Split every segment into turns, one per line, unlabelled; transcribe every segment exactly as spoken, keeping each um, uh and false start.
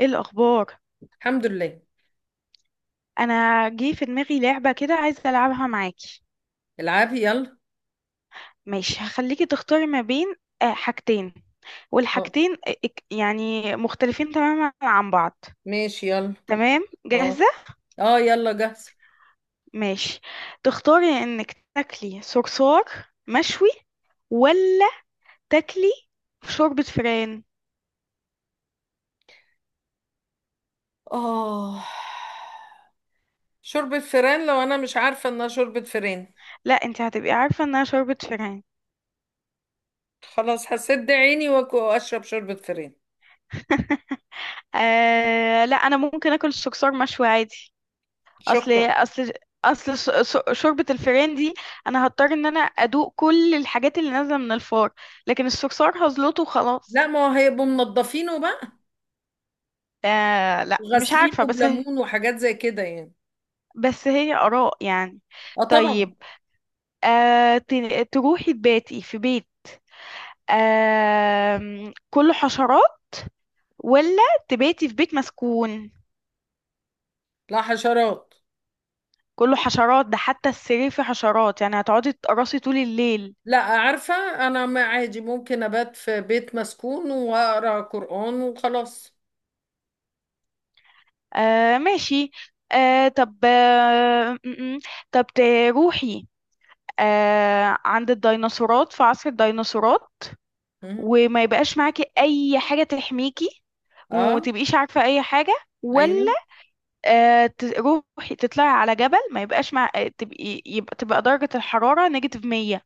ايه الاخبار؟
الحمد لله.
انا جه في دماغي لعبه كده، عايزه العبها معاكي.
العبي يلا.
ماشي، هخليكي تختاري ما بين آه، حاجتين.
اه،
والحاجتين آه، اك- يعني مختلفين تماما عن بعض.
ماشي يلا.
تمام، جاهزه؟
اه، اه يلا جاهز.
ماشي. تختاري انك تاكلي صرصار مشوي، ولا تاكلي شوربه فران؟
اه، شوربة فران لو انا مش عارفة انها شوربة فران.
لا، انت هتبقي عارفه انها شوربه فران.
خلاص، هسد عيني وأك- واشرب شوربة فران.
آه لا، انا ممكن اكل الصرصار مشوي عادي. اصل
شكرا.
اصل اصل ش- ش- شوربة الفئران دي انا هضطر ان انا ادوق كل الحاجات اللي نازلة من الفار، لكن الصرصار هزلته
لا،
وخلاص.
ما هو هيبقوا منضفينه بقى
آه لا، مش
وغاسلينه
عارفة، بس هي،
بليمون وحاجات زي كده يعني.
بس هي آراء يعني.
اه طبعا.
طيب، آه ت- تروحي تباتي في بيت آه كله حشرات، ولا تباتي في بيت مسكون
لا، حشرات.
كله حشرات؟ ده حتى السرير فيه حشرات، يعني هتقعدي تقرصي طول الليل.
لا، عارفة انا، ما عادي ممكن ابات في بيت مسكون واقرا قرآن وخلاص.
آه ماشي. آه طب آه م- م. طب تروحي آه عند الديناصورات، في عصر الديناصورات،
مم.
وما يبقاش معاكي أي حاجة تحميكي،
اه.
ومتبقيش عارفة أي حاجة، ولا
ايوه.
آه تروحي تطلعي على جبل ما يبقاش مع آه، تبقي يبقى تبقى درجة الحرارة نيجاتيف مية،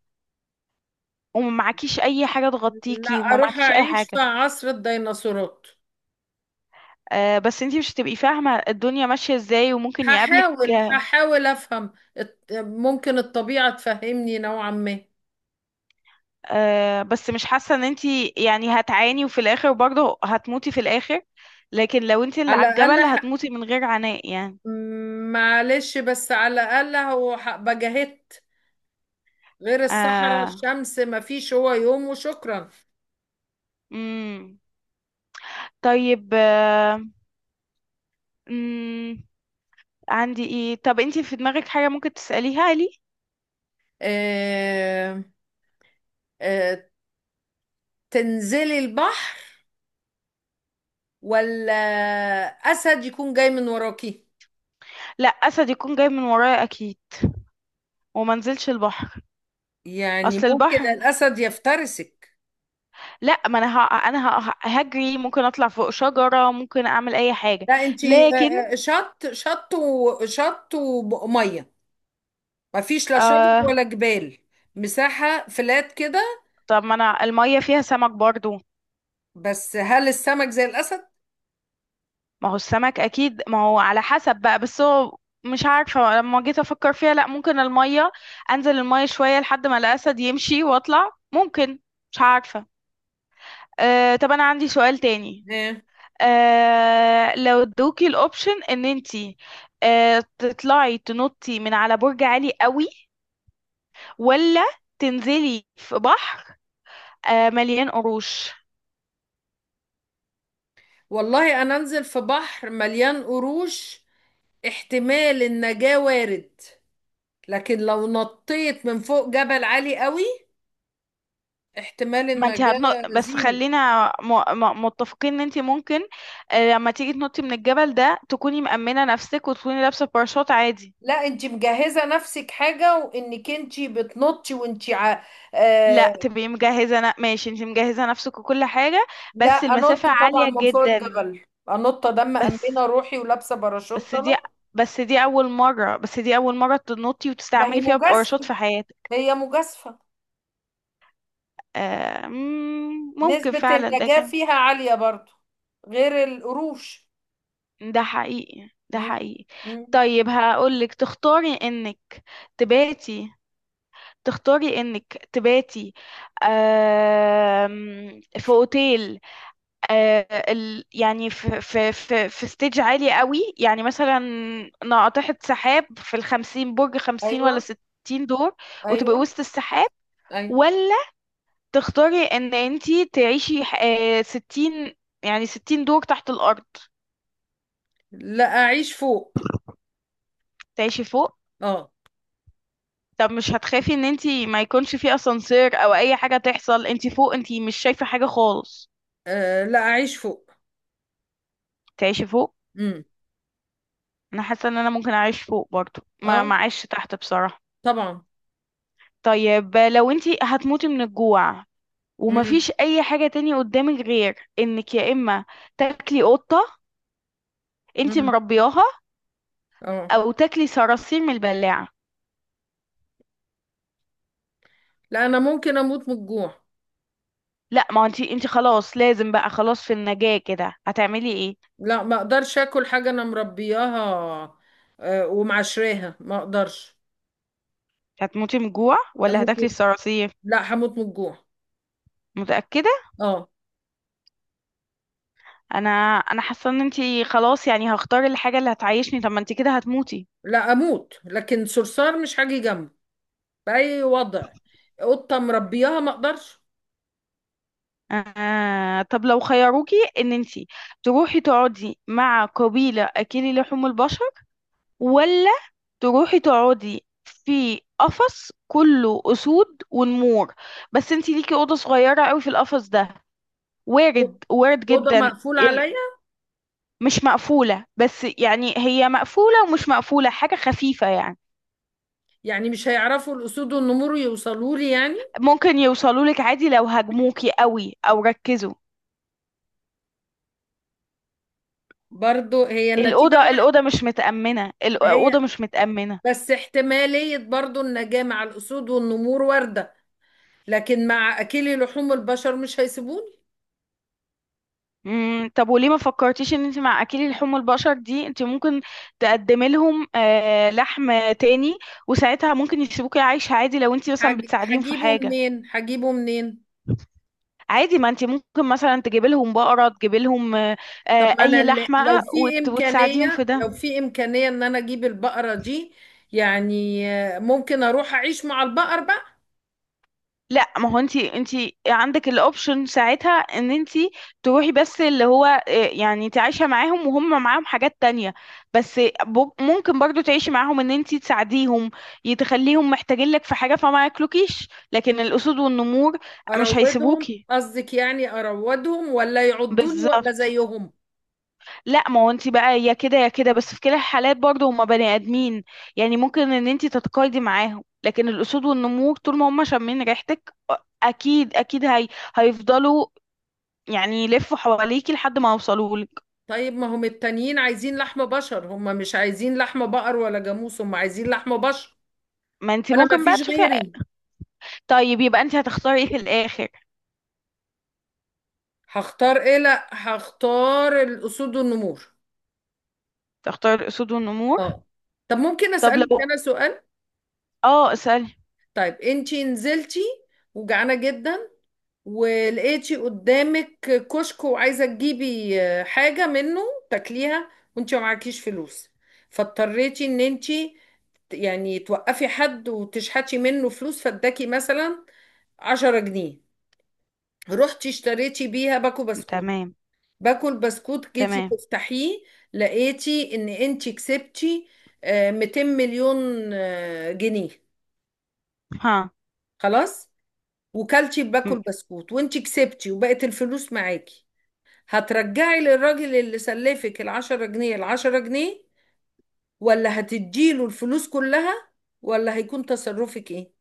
وما معكيش أي حاجة
لا،
تغطيكي، وما
اروح
معكيش أي
اعيش في
حاجة؟
عصر الديناصورات.
آه بس انتي مش هتبقي فاهمة الدنيا ماشية ازاي، وممكن يقابلك
هحاول هحاول افهم الت- ممكن الطبيعة تفهمني نوعا ما.
آه، بس مش حاسة ان انتي يعني هتعاني، وفي الاخر برضه هتموتي في الاخر. لكن لو انتي اللي
على
على
الاقل
الجبل
ح...
هتموتي من غير عناء يعني.
معلش، بس على الاقل هو ح- بجاهدت. غير الصحراء
آه.
الشمس ما فيش هو يوم، وشكرا.
مم. طيب. آه. مم. عندي ايه؟ طب انتي في دماغك حاجة ممكن تسأليها لي؟
آه... آه... تنزلي البحر، ولا اسد يكون جاي من وراكي؟
لا، اسد يكون جاي من ورايا اكيد، وما نزلش البحر.
يعني
اصل
ممكن
البحر،
الاسد يفترسك.
لا، ما انا ه... انا ه... هجري، ممكن اطلع فوق شجرة، ممكن اعمل اي حاجة.
لا انت،
لكن،
آه، آه، شط شط وشط وميه. ما فيش لا شجر
آه.
ولا جبال، مساحة فلات كده.
طب ما انا المية فيها سمك برضه.
بس هل السمك زي الأسد؟
ما هو السمك اكيد، ما هو على حسب بقى، بس هو مش عارفه، لما جيت افكر فيها، لا ممكن الميه، انزل الميه شويه لحد ما الاسد يمشي واطلع، ممكن. مش عارفه. أه، طب انا عندي سؤال تاني.
ايه.
أه، لو ادوكي الاوبشن ان انتي أه تطلعي تنطي من على برج عالي قوي، ولا تنزلي في بحر أه مليان قروش؟
والله أنا أنزل في بحر مليان قروش، احتمال النجاة وارد. لكن لو نطيت من فوق جبل عالي قوي، احتمال
ما انت
النجاة
هتنط، بس
زيرو.
خلينا م... م... متفقين ان انت ممكن آه، لما تيجي تنطي من الجبل ده تكوني مأمنة نفسك، وتكوني لابسة باراشوت عادي.
لا انت مجهزة نفسك حاجة وانك انت بتنطي وانت ع...
لا،
آه،
تبقي مجهزة ن... ماشي، انت مجهزة نفسك وكل حاجة.
لا،
بس
انط
المسافة
طبعا
عالية
من فوق
جدا.
الجبل. انط، ده
بس
مأمنه روحي ولابسه باراشوت،
بس دي
انط.
بس دي أول مرة بس دي أول مرة تنطي
ما هي
وتستعملي فيها باراشوت
مجازفه،
في حياتك.
هي مجازفه.
آه... مم، ممكن
نسبه
فعلا ده
النجاه
كان،
فيها عاليه برضو، غير القروش.
ده حقيقي، ده
مم.
حقيقي.
مم.
طيب، هقولك تختاري انك تباتي، تختاري انك تباتي آم، في اوتيل، آه، ال- يعني في في في في ستيج عالي قوي يعني، مثلا ناقطة سحاب في الخمسين، برج خمسين ولا
ايوه.
ستين دور، وتبقي
ايوه.
وسط السحاب،
ايوه.
ولا تختاري ان انتي تعيشي آه، ستين، يعني ستين دور تحت الارض؟
لا، اعيش فوق.
تعيشي فوق؟
اه.
طب مش هتخافي ان انتي ما يكونش في اسانسير او اي حاجة تحصل، انتي فوق انتي مش شايفة حاجة خالص؟
آه، لا، اعيش فوق.
تعيشي فوق.
امم.
انا حاسه ان انا ممكن اعيش فوق برضو، ما
اه
ما اعيش تحت بصراحه.
طبعا.
طيب، لو انتي هتموتي من الجوع،
امم.
ومفيش اي حاجه تانية قدامك، غير انك يا اما تاكلي قطه انتي
امم.
مربياها،
اه.
او تاكلي صراصير من البلاعه.
لا انا ممكن اموت من الجوع.
لا، ما هو انتي انتي خلاص لازم بقى، خلاص في النجاه كده هتعملي ايه؟
لا، ما اقدرش اكل حاجه انا مربياها آه، ومعشراها، ما اقدرش.
هتموتي من الجوع ولا هتاكلي
اموت.
الصراصير؟
لا، هموت من الجوع.
متأكدة؟
اه.
انا انا حاسة ان انتي خلاص يعني هختار الحاجة اللي هتعيشني، طب ما انتي كده هتموتي.
لا اموت، لكن صرصار مش هاجي جنبه باي وضع. قطه مربياها، ما اقدرش.
آه، طب لو خيروكي ان انتي تروحي تقعدي مع قبيلة اكلي لحوم البشر، ولا تروحي تقعدي في قفص كله اسود ونمور، بس انتي ليكي اوضة صغيرة قوي في القفص ده؟
أو-
وارد، وارد
اوضه
جدا.
مقفول
ال-
عليا.
مش مقفولة، بس يعني هي مقفولة ومش مقفولة، حاجة خفيفة يعني.
يعني مش هيعرفوا الاسود والنمور يوصلوا لي يعني.
ممكن يوصلوا لك عادي لو هاجموكي قوي او ركزوا.
برضو هي النتيجه
الأوضة، الأوضة
واحده.
مش متأمنة، الأوضة
هي،
مش متأمنة.
بس احتماليه برضو النجاه مع الاسود والنمور وارده. لكن مع اكلي لحوم البشر مش هيسيبوني.
مم، طب وليه ما فكرتيش ان انت مع اكل لحوم البشر دي انت ممكن تقدمي لهم آه، لحم تاني، وساعتها ممكن يسيبوكي عايشة عادي، لو انت مثلا
هج-
بتساعديهم في
هجيبه
حاجة.
منين، هجيبه منين؟
عادي، ما انت ممكن مثلا تجيبي لهم بقرة، تجيبي لهم آه،
طب
آه،
ما انا
اي
اللي- لو
لحمة،
في
وت- وتساعديهم في
امكانيه، لو
ده.
في امكانيه ان انا اجيب البقره دي، يعني آه، ممكن اروح اعيش مع البقر بقى.
لا، ما هو انت، انت عندك الاوبشن ساعتها ان انت تروحي، بس اللي هو إيه، يعني انت عايشه معاهم، وهم معاهم حاجات تانية بس. ب- ممكن برضو تعيشي معاهم ان انت تساعديهم، يتخليهم محتاجين لك في حاجه فما ياكلوكيش. لكن الاسود والنمور مش
اروضهم
هيسيبوكي،
قصدك؟ يعني اروضهم ولا يعضوني وابقى
بالظبط.
زيهم؟
لا، ما هو انت بقى يا كده يا كده، بس في كلا الحالات برضو هما بني ادمين، يعني ممكن ان انت تتقايضي معاهم. لكن الاسود والنمور طول ما هما شامين ريحتك اكيد اكيد، هي هيفضلوا يعني يلفوا حواليكي لحد ما يوصلولك.
طيب ما هم التانيين عايزين لحم بشر، هم مش عايزين لحم بقر ولا جاموس، هم عايزين لحم بشر.
ما انت
انا ما
ممكن بقى
فيش
تشوفي.
غيري.
طيب يبقى انت هتختاري ايه في الاخر؟
هختار ايه؟ لا، هختار الاسود والنمور.
تختاري الاسود والنمور.
اه. طب ممكن
طب
اسالك
لو،
انا سؤال؟
اه اسألي.
طيب انتي نزلتي وجعانه جدا، ولقيتي قدامك كشك وعايزة تجيبي آه، حاجة منه تاكليها، وانت معكيش فلوس، فاضطريتي ان انت يعني توقفي حد وتشحتي منه فلوس، فاداكي مثلا عشرة جنيه، رحتي اشتريتي بيها باكو بسكوت.
تمام.
باكو البسكوت جيتي
تمام.
تفتحيه، لقيتي ان انت كسبتي آه، مئتين مليون آه، جنيه.
ها.
خلاص، وكلتي باكو البسكوت وانت كسبتي وبقت الفلوس معاكي. هترجعي للراجل اللي سلفك العشرة جنيه العشرة جنيه، ولا هتديله الفلوس كلها، ولا هيكون تصرفك ايه؟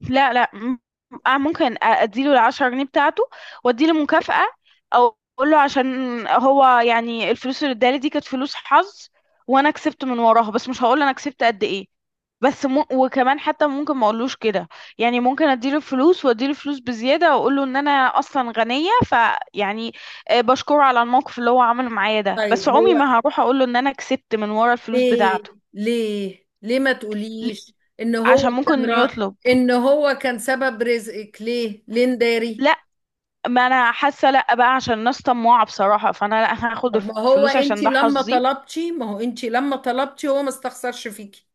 لا لا م- آه ممكن اديله العشرة جنيه بتاعته واديله مكافأة، او اقول له عشان هو يعني الفلوس اللي ادالي دي كانت فلوس حظ، وانا كسبت من وراها، بس مش هقول انا كسبت قد ايه. بس م... وكمان حتى ممكن ما اقولوش كده، يعني ممكن اديله فلوس، واديله فلوس بزيادة، واقول له ان انا اصلا غنية فيعني، آه، بشكره على الموقف اللي هو عمله معايا ده، بس
طيب
عمري
هو،
ما هروح اقول له ان انا كسبت من ورا الفلوس
ليه؟
بتاعته.
ليه، ليه ما
ل-
تقوليش ان هو
عشان ممكن
كان را...
يطلب.
ان هو كان سبب رزقك، ليه؟ ليه نداري؟
لا، ما انا حاسه، لا بقى، عشان الناس طماعه بصراحه، فانا لا هاخد
طب ما هو
الفلوس
انت
عشان ده
لما
حظي.
طلبتي، ما هو انت لما طلبتي هو ما استخسرش فيكي.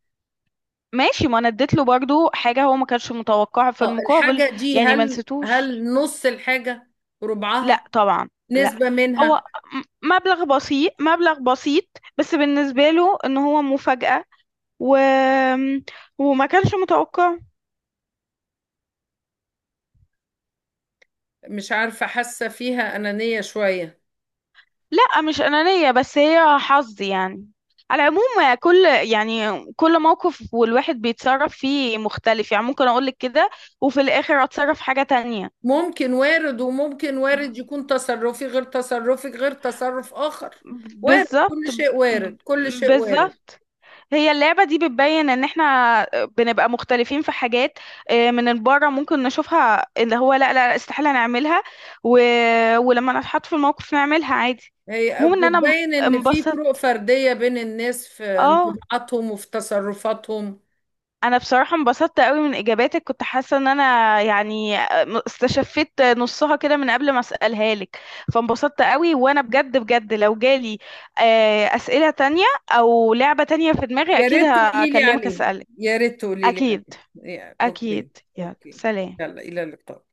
ماشي، ما انا اديت له برضو حاجه هو ما كانش متوقعها في
اه.
المقابل،
الحاجة دي،
يعني ما
هل
نسيتوش.
هل نص الحاجة، ربعها،
لا طبعا. لا،
نسبة منها؟
هو م- مبلغ بسيط، مبلغ بسيط، بس بالنسبه له ان هو مفاجاه و... وما كانش متوقع.
مش عارفة، حاسة فيها أنانية شوية.
لا، مش أنانية، بس هي حظ يعني. على العموم كل، يعني كل موقف والواحد بيتصرف فيه مختلف يعني. ممكن أقولك كده وفي الآخر أتصرف حاجة تانية.
ممكن، وارد، وممكن وارد يكون تصرفي غير تصرفك غير تصرف آخر. وارد كل
بالظبط، ب-
شيء، وارد
ب-
كل شيء وارد.
بالظبط. هي اللعبة دي بتبين ان احنا بنبقى مختلفين في حاجات آه، من بره ممكن نشوفها اللي هو لا لا استحالة نعملها، و... ولما نتحط في الموقف نعملها عادي.
هي
المهم ان انا
بتبين إن في فروق
انبسط.
فردية بين الناس في
اه،
انطباعاتهم وفي تصرفاتهم.
انا بصراحه انبسطت قوي من اجاباتك، كنت حاسه ان انا يعني استشفيت نصها كده من قبل ما اسالها لك. فانبسطت قوي، وانا بجد بجد لو جالي آه، اسئله تانية او لعبه تانية في دماغي
يا
اكيد
ريت تقولي لي
هكلمك
عليه،
اسالك.
يا ريت تقولي لي
اكيد،
عليه، يا-
اكيد.
أوكي.
يلا،
أوكي.
سلام.
يلا، إلى اللقاء.